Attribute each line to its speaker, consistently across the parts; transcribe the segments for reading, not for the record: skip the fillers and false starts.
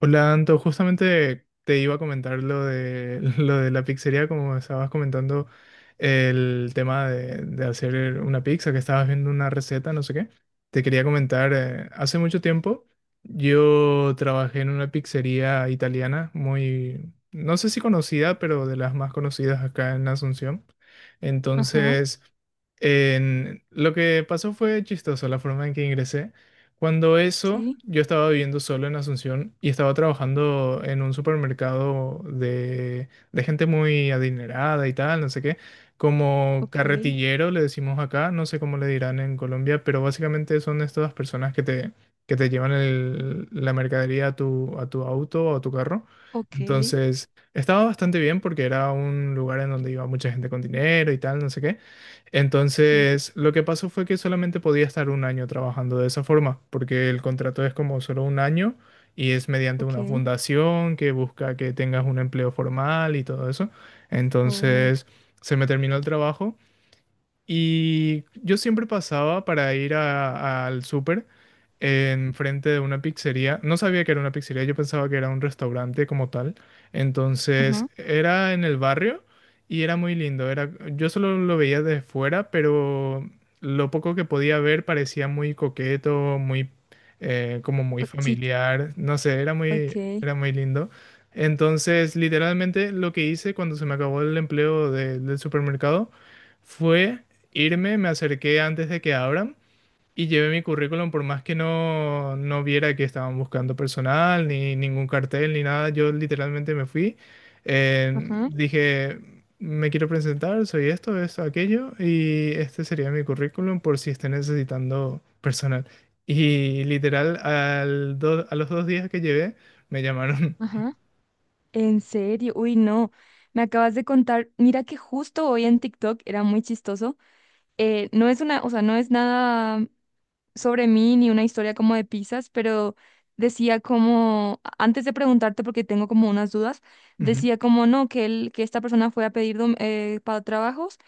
Speaker 1: Hola, Anto, justamente te iba a comentar lo de, lo de la pizzería, como estabas comentando el tema de hacer una pizza, que estabas viendo una receta, no sé qué. Te quería comentar, hace mucho tiempo yo trabajé en una pizzería italiana muy, no sé si conocida, pero de las más conocidas acá en Asunción.
Speaker 2: Ajá,
Speaker 1: Entonces, lo que pasó fue chistoso la forma en que ingresé. Cuando eso,
Speaker 2: sí,
Speaker 1: yo estaba viviendo solo en Asunción y estaba trabajando en un supermercado de gente muy adinerada y tal, no sé qué, como
Speaker 2: ok,
Speaker 1: carretillero le decimos acá, no sé cómo le dirán en Colombia, pero básicamente son estas personas que te llevan la mercadería a tu auto o a tu carro.
Speaker 2: ok,
Speaker 1: Entonces, estaba bastante bien porque era un lugar en donde iba mucha gente con dinero y tal, no sé qué.
Speaker 2: cool,
Speaker 1: Entonces, lo que pasó fue que solamente podía estar un año trabajando de esa forma, porque el contrato es como solo un año y es mediante una
Speaker 2: ok,
Speaker 1: fundación que busca que tengas un empleo formal y todo eso.
Speaker 2: oh,
Speaker 1: Entonces, se me terminó el trabajo y yo siempre pasaba para ir al súper enfrente de una pizzería. No sabía que era una pizzería, yo pensaba que era un restaurante como tal.
Speaker 2: ajá,
Speaker 1: Entonces era en el barrio y era muy lindo. Era, yo solo lo veía de fuera, pero lo poco que podía ver parecía muy coqueto, muy como muy
Speaker 2: oh, chiqui,
Speaker 1: familiar. No sé,
Speaker 2: ok,
Speaker 1: era muy lindo. Entonces, literalmente lo que hice cuando se me acabó el empleo del supermercado fue irme, me acerqué antes de que abran y llevé mi currículum, por más que no viera que estaban buscando personal, ni ningún cartel, ni nada, yo literalmente me fui.
Speaker 2: ajá,
Speaker 1: Dije, me quiero presentar, soy esto, esto, aquello, y este sería mi currículum por si esté necesitando personal. Y literal, a los dos días que llevé, me llamaron.
Speaker 2: ajá, en serio, uy, no, me acabas de contar, mira que justo hoy en TikTok era muy chistoso. No es una, o sea, no es nada sobre mí ni una historia como de pizzas, pero decía como, antes de preguntarte porque tengo como unas dudas,
Speaker 1: Ujú,
Speaker 2: decía como no, que él, que esta persona fue a pedir para trabajos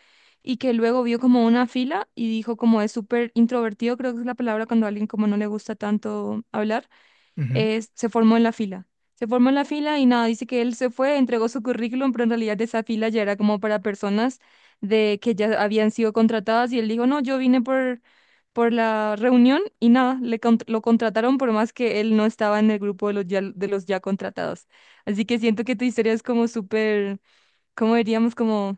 Speaker 2: y que luego vio como una fila y dijo como es súper introvertido, creo que es la palabra cuando a alguien como no le gusta tanto hablar,
Speaker 1: ujú.
Speaker 2: se formó en la fila. Se formó en la fila y nada, dice que él se fue, entregó su currículum, pero en realidad esa fila ya era como para personas de que ya habían sido contratadas y él dijo, no, yo vine por la reunión y nada, lo contrataron por más que él no estaba en el grupo de los ya contratados. Así que siento que tu historia es como súper, cómo diríamos, como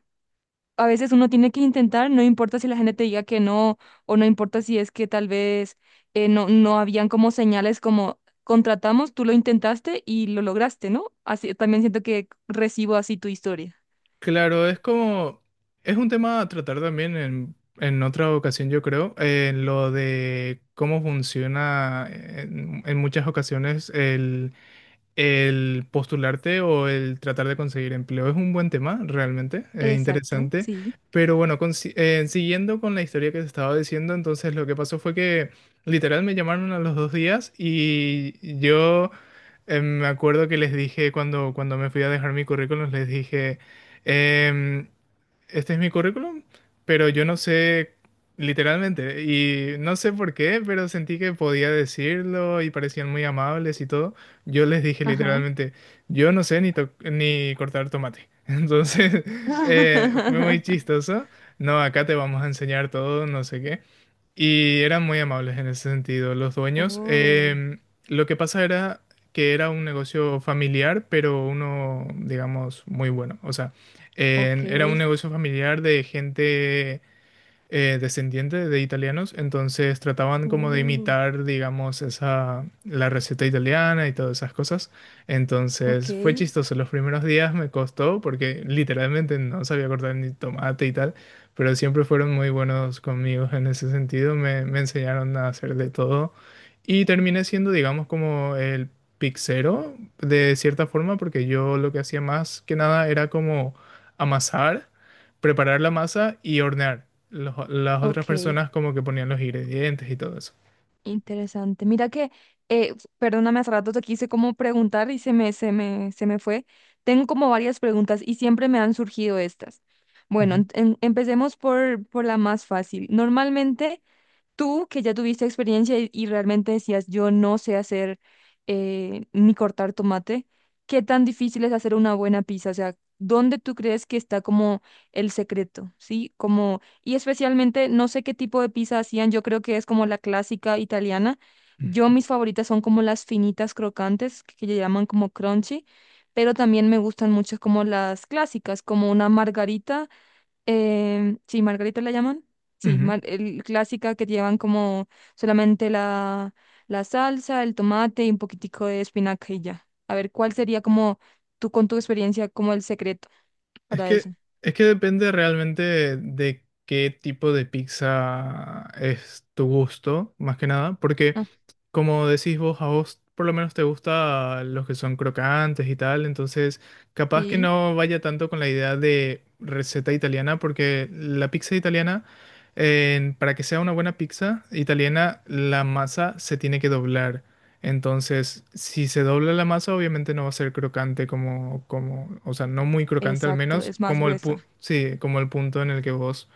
Speaker 2: a veces uno tiene que intentar, no importa si la gente te diga que no, o no importa si es que tal vez no, no habían como señales como contratamos, tú lo intentaste y lo lograste, ¿no? Así también siento que recibo así tu historia.
Speaker 1: Claro, es un tema a tratar también en otra ocasión, yo creo, en lo de cómo funciona en muchas ocasiones el postularte o el tratar de conseguir empleo es un buen tema, realmente, es
Speaker 2: Exacto,
Speaker 1: interesante.
Speaker 2: sí.
Speaker 1: Pero bueno, siguiendo con la historia que te estaba diciendo, entonces lo que pasó fue que literal me llamaron a los dos días y yo me acuerdo que les dije cuando me fui a dejar mi currículum, les dije, em, este es mi currículum, pero yo no sé literalmente y no sé por qué, pero sentí que podía decirlo y parecían muy amables y todo. Yo les dije
Speaker 2: Ajá.
Speaker 1: literalmente, yo no sé ni, ni cortar tomate. Entonces, fue muy chistoso. No, acá te vamos a enseñar todo, no sé qué. Y eran muy amables en ese sentido los dueños.
Speaker 2: Oh,
Speaker 1: Lo que pasa era que era un negocio familiar, pero uno, digamos, muy bueno. O sea,
Speaker 2: ok.
Speaker 1: era un negocio familiar de gente descendiente de italianos, entonces trataban como de
Speaker 2: Uh.
Speaker 1: imitar, digamos, esa, la receta italiana y todas esas cosas.
Speaker 2: Ok,
Speaker 1: Entonces fue chistoso, los primeros días me costó porque literalmente no sabía cortar ni tomate y tal, pero siempre fueron muy buenos conmigo en ese sentido, me enseñaron a hacer de todo y terminé siendo, digamos, como el pixero de cierta forma porque yo lo que hacía más que nada era como amasar preparar la masa y hornear. Las otras
Speaker 2: ok,
Speaker 1: personas como que ponían los ingredientes y todo eso.
Speaker 2: interesante. Mira que, perdóname, hace rato te quise como preguntar y se me fue. Tengo como varias preguntas y siempre me han surgido estas. Bueno,
Speaker 1: Ujú,
Speaker 2: empecemos por la más fácil. Normalmente, tú que ya tuviste experiencia y realmente decías, yo no sé hacer ni cortar tomate, ¿qué tan difícil es hacer una buena pizza? O sea, ¿dónde tú crees que está como el secreto? ¿Sí? Como, y especialmente, no sé qué tipo de pizza hacían, yo creo que es como la clásica italiana. Yo mis favoritas son como las finitas crocantes, que le llaman como crunchy, pero también me gustan mucho como las clásicas, como una margarita. Sí, Margarita la llaman.
Speaker 1: ujú,
Speaker 2: Sí,
Speaker 1: ujú.
Speaker 2: clásica que llevan como solamente la salsa, el tomate y un poquitico de espinaca y ya. A ver, ¿cuál sería como tú con tu experiencia como el secreto
Speaker 1: Es
Speaker 2: para eso?
Speaker 1: que, es que depende realmente de qué tipo de pizza es tu gusto, más que nada, porque
Speaker 2: Ah,
Speaker 1: como decís vos, a vos por lo menos te gusta los que son crocantes y tal, entonces capaz que
Speaker 2: sí,
Speaker 1: no vaya tanto con la idea de receta italiana, porque la pizza italiana, para que sea una buena pizza italiana, la masa se tiene que doblar. Entonces, si se dobla la masa, obviamente no va a ser crocante o sea, no muy crocante al
Speaker 2: exacto,
Speaker 1: menos,
Speaker 2: es más
Speaker 1: como
Speaker 2: gruesa.
Speaker 1: sí, como el punto en el que vos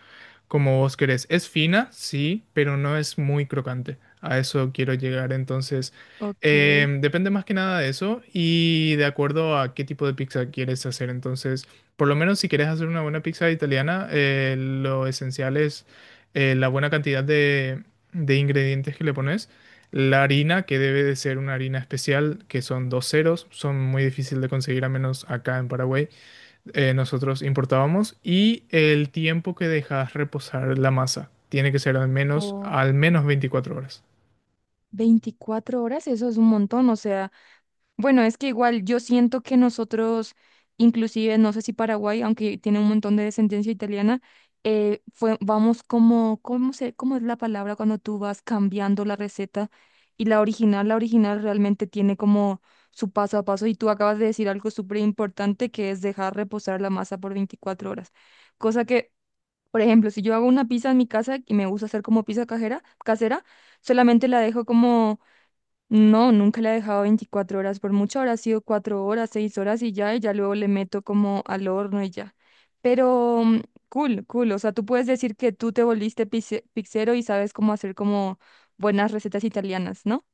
Speaker 1: como vos querés. Es fina, sí, pero no es muy crocante. A eso quiero llegar. Entonces,
Speaker 2: Ok.
Speaker 1: depende más que nada de eso y de acuerdo a qué tipo de pizza quieres hacer. Entonces, por lo menos si quieres hacer una buena pizza italiana, lo esencial es la buena cantidad de ingredientes que le pones. La harina, que debe de ser una harina especial, que son dos ceros, son muy difícil de conseguir, a menos acá en Paraguay nosotros importábamos y el tiempo que dejas reposar la masa tiene que ser
Speaker 2: O
Speaker 1: al menos 24 horas.
Speaker 2: 24 horas, eso es un montón, o sea. Bueno, es que igual yo siento que nosotros, inclusive, no sé si Paraguay, aunque tiene un montón de descendencia italiana, fue, vamos como, ¿cómo es la palabra cuando tú vas cambiando la receta? Y la original realmente tiene como su paso a paso y tú acabas de decir algo súper importante que es dejar reposar la masa por 24 horas. Cosa que, por ejemplo, si yo hago una pizza en mi casa y me gusta hacer como pizza cajera, casera, solamente la dejo como... No, nunca la he dejado 24 horas, por mucho habrá sido 4 horas, 6 horas y ya luego le meto como al horno y ya. Pero cool, cool, o sea, tú puedes decir que tú te volviste pizzero y sabes cómo hacer como buenas recetas italianas, ¿no?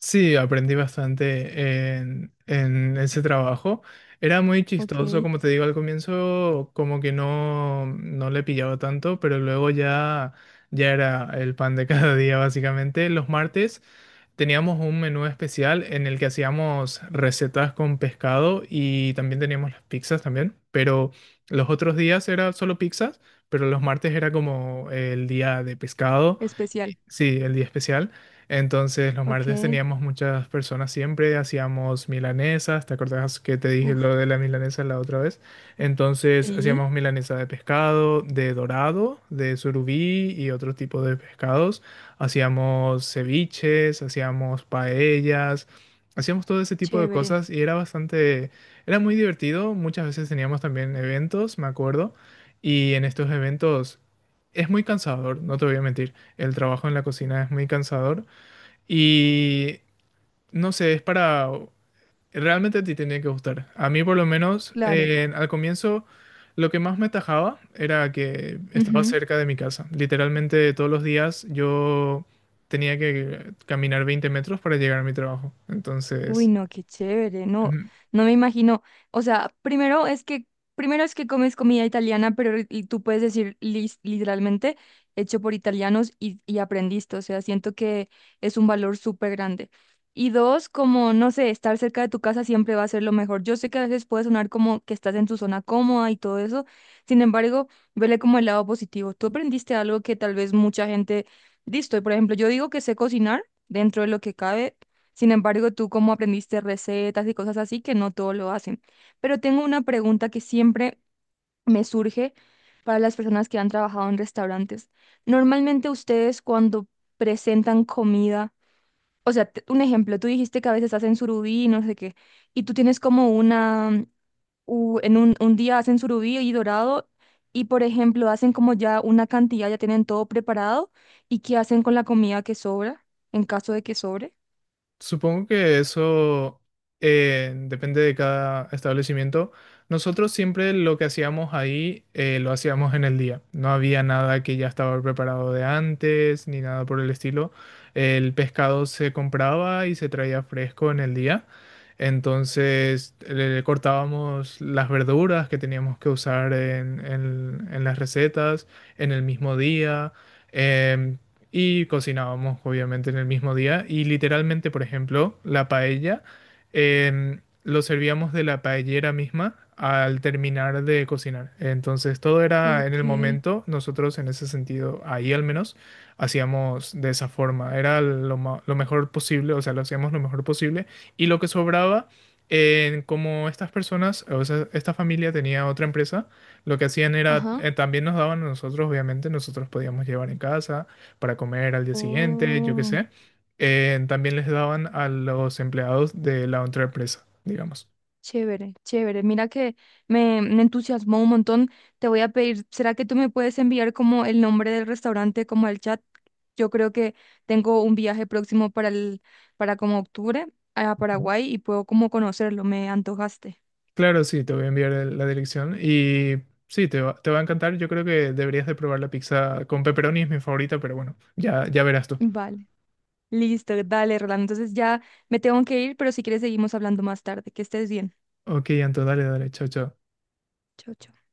Speaker 1: Sí, aprendí bastante en ese trabajo. Era muy
Speaker 2: Ok,
Speaker 1: chistoso, como te digo, al comienzo como que no le pillaba tanto, pero luego ya, ya era el pan de cada día, básicamente. Los martes teníamos un menú especial en el que hacíamos recetas con pescado y también teníamos las pizzas también, pero los otros días era solo pizzas, pero los martes era como el día de pescado,
Speaker 2: especial.
Speaker 1: sí, el día especial. Entonces los
Speaker 2: Ok,
Speaker 1: martes teníamos muchas personas siempre, hacíamos milanesas, ¿te acordás que te dije
Speaker 2: uff,
Speaker 1: lo de la milanesa la otra vez? Entonces
Speaker 2: sí,
Speaker 1: hacíamos milanesa de pescado, de dorado, de surubí y otro tipo de pescados. Hacíamos ceviches, hacíamos paellas, hacíamos todo ese tipo de
Speaker 2: chévere,
Speaker 1: cosas y era bastante, era muy divertido. Muchas veces teníamos también eventos, me acuerdo, y en estos eventos es muy cansador, no te voy a mentir. El trabajo en la cocina es muy cansador y no sé, es para... Realmente a ti tenía que gustar. A mí por lo menos
Speaker 2: claro.
Speaker 1: al comienzo... Lo que más me tajaba era que estaba cerca de mi casa. Literalmente todos los días yo tenía que caminar 20 metros para llegar a mi trabajo.
Speaker 2: Uy,
Speaker 1: Entonces,
Speaker 2: no, qué chévere, no,
Speaker 1: mm,
Speaker 2: no me imagino. O sea, primero es que comes comida italiana, pero y tú puedes decir literalmente hecho por italianos y aprendiste. O sea, siento que es un valor súper grande. Y dos, como, no sé, estar cerca de tu casa siempre va a ser lo mejor. Yo sé que a veces puede sonar como que estás en tu zona cómoda y todo eso. Sin embargo, vele como el lado positivo. Tú aprendiste algo que tal vez mucha gente, listo, y por ejemplo, yo digo que sé cocinar dentro de lo que cabe, sin embargo, tú como aprendiste recetas y cosas así, que no todo lo hacen. Pero tengo una pregunta que siempre me surge para las personas que han trabajado en restaurantes. Normalmente ustedes cuando presentan comida, o sea, un ejemplo, tú dijiste que a veces hacen surubí y no sé qué, y tú tienes como una, en un día hacen surubí y dorado, y por ejemplo hacen como ya una cantidad, ya tienen todo preparado, ¿y qué hacen con la comida que sobra, en caso de que sobre?
Speaker 1: supongo que eso depende de cada establecimiento. Nosotros siempre lo que hacíamos ahí lo hacíamos en el día. No había nada que ya estaba preparado de antes ni nada por el estilo. El pescado se compraba y se traía fresco en el día. Entonces le cortábamos las verduras que teníamos que usar en las recetas en el mismo día. Em, y cocinábamos obviamente en el mismo día y literalmente, por ejemplo, la paella lo servíamos de la paellera misma al terminar de cocinar. Entonces todo era en
Speaker 2: Ok,
Speaker 1: el momento, nosotros en ese sentido, ahí al menos, hacíamos de esa forma, era lo mejor posible, o sea, lo hacíamos lo mejor posible y lo que sobraba... Como estas personas, o sea, esta familia tenía otra empresa, lo que hacían era,
Speaker 2: ajá.
Speaker 1: también nos daban a nosotros, obviamente, nosotros podíamos llevar en casa, para comer al día siguiente, yo qué
Speaker 2: Oh,
Speaker 1: sé. También les daban a los empleados de la otra empresa, digamos.
Speaker 2: chévere, chévere. Mira que me entusiasmó un montón. Te voy a pedir, ¿será que tú me puedes enviar como el nombre del restaurante, como el chat? Yo creo que tengo un viaje próximo para como octubre a
Speaker 1: Ujú.
Speaker 2: Paraguay y puedo como conocerlo. Me antojaste.
Speaker 1: Claro, sí, te voy a enviar la dirección y sí, te va a encantar. Yo creo que deberías de probar la pizza con pepperoni, es mi favorita, pero bueno, ya, ya verás tú.
Speaker 2: Vale, listo, dale, Rolando. Entonces ya me tengo que ir, pero si quieres seguimos hablando más tarde. Que estés bien.
Speaker 1: Ok, Anto, dale, dale, chao, chao.
Speaker 2: Chao, chao.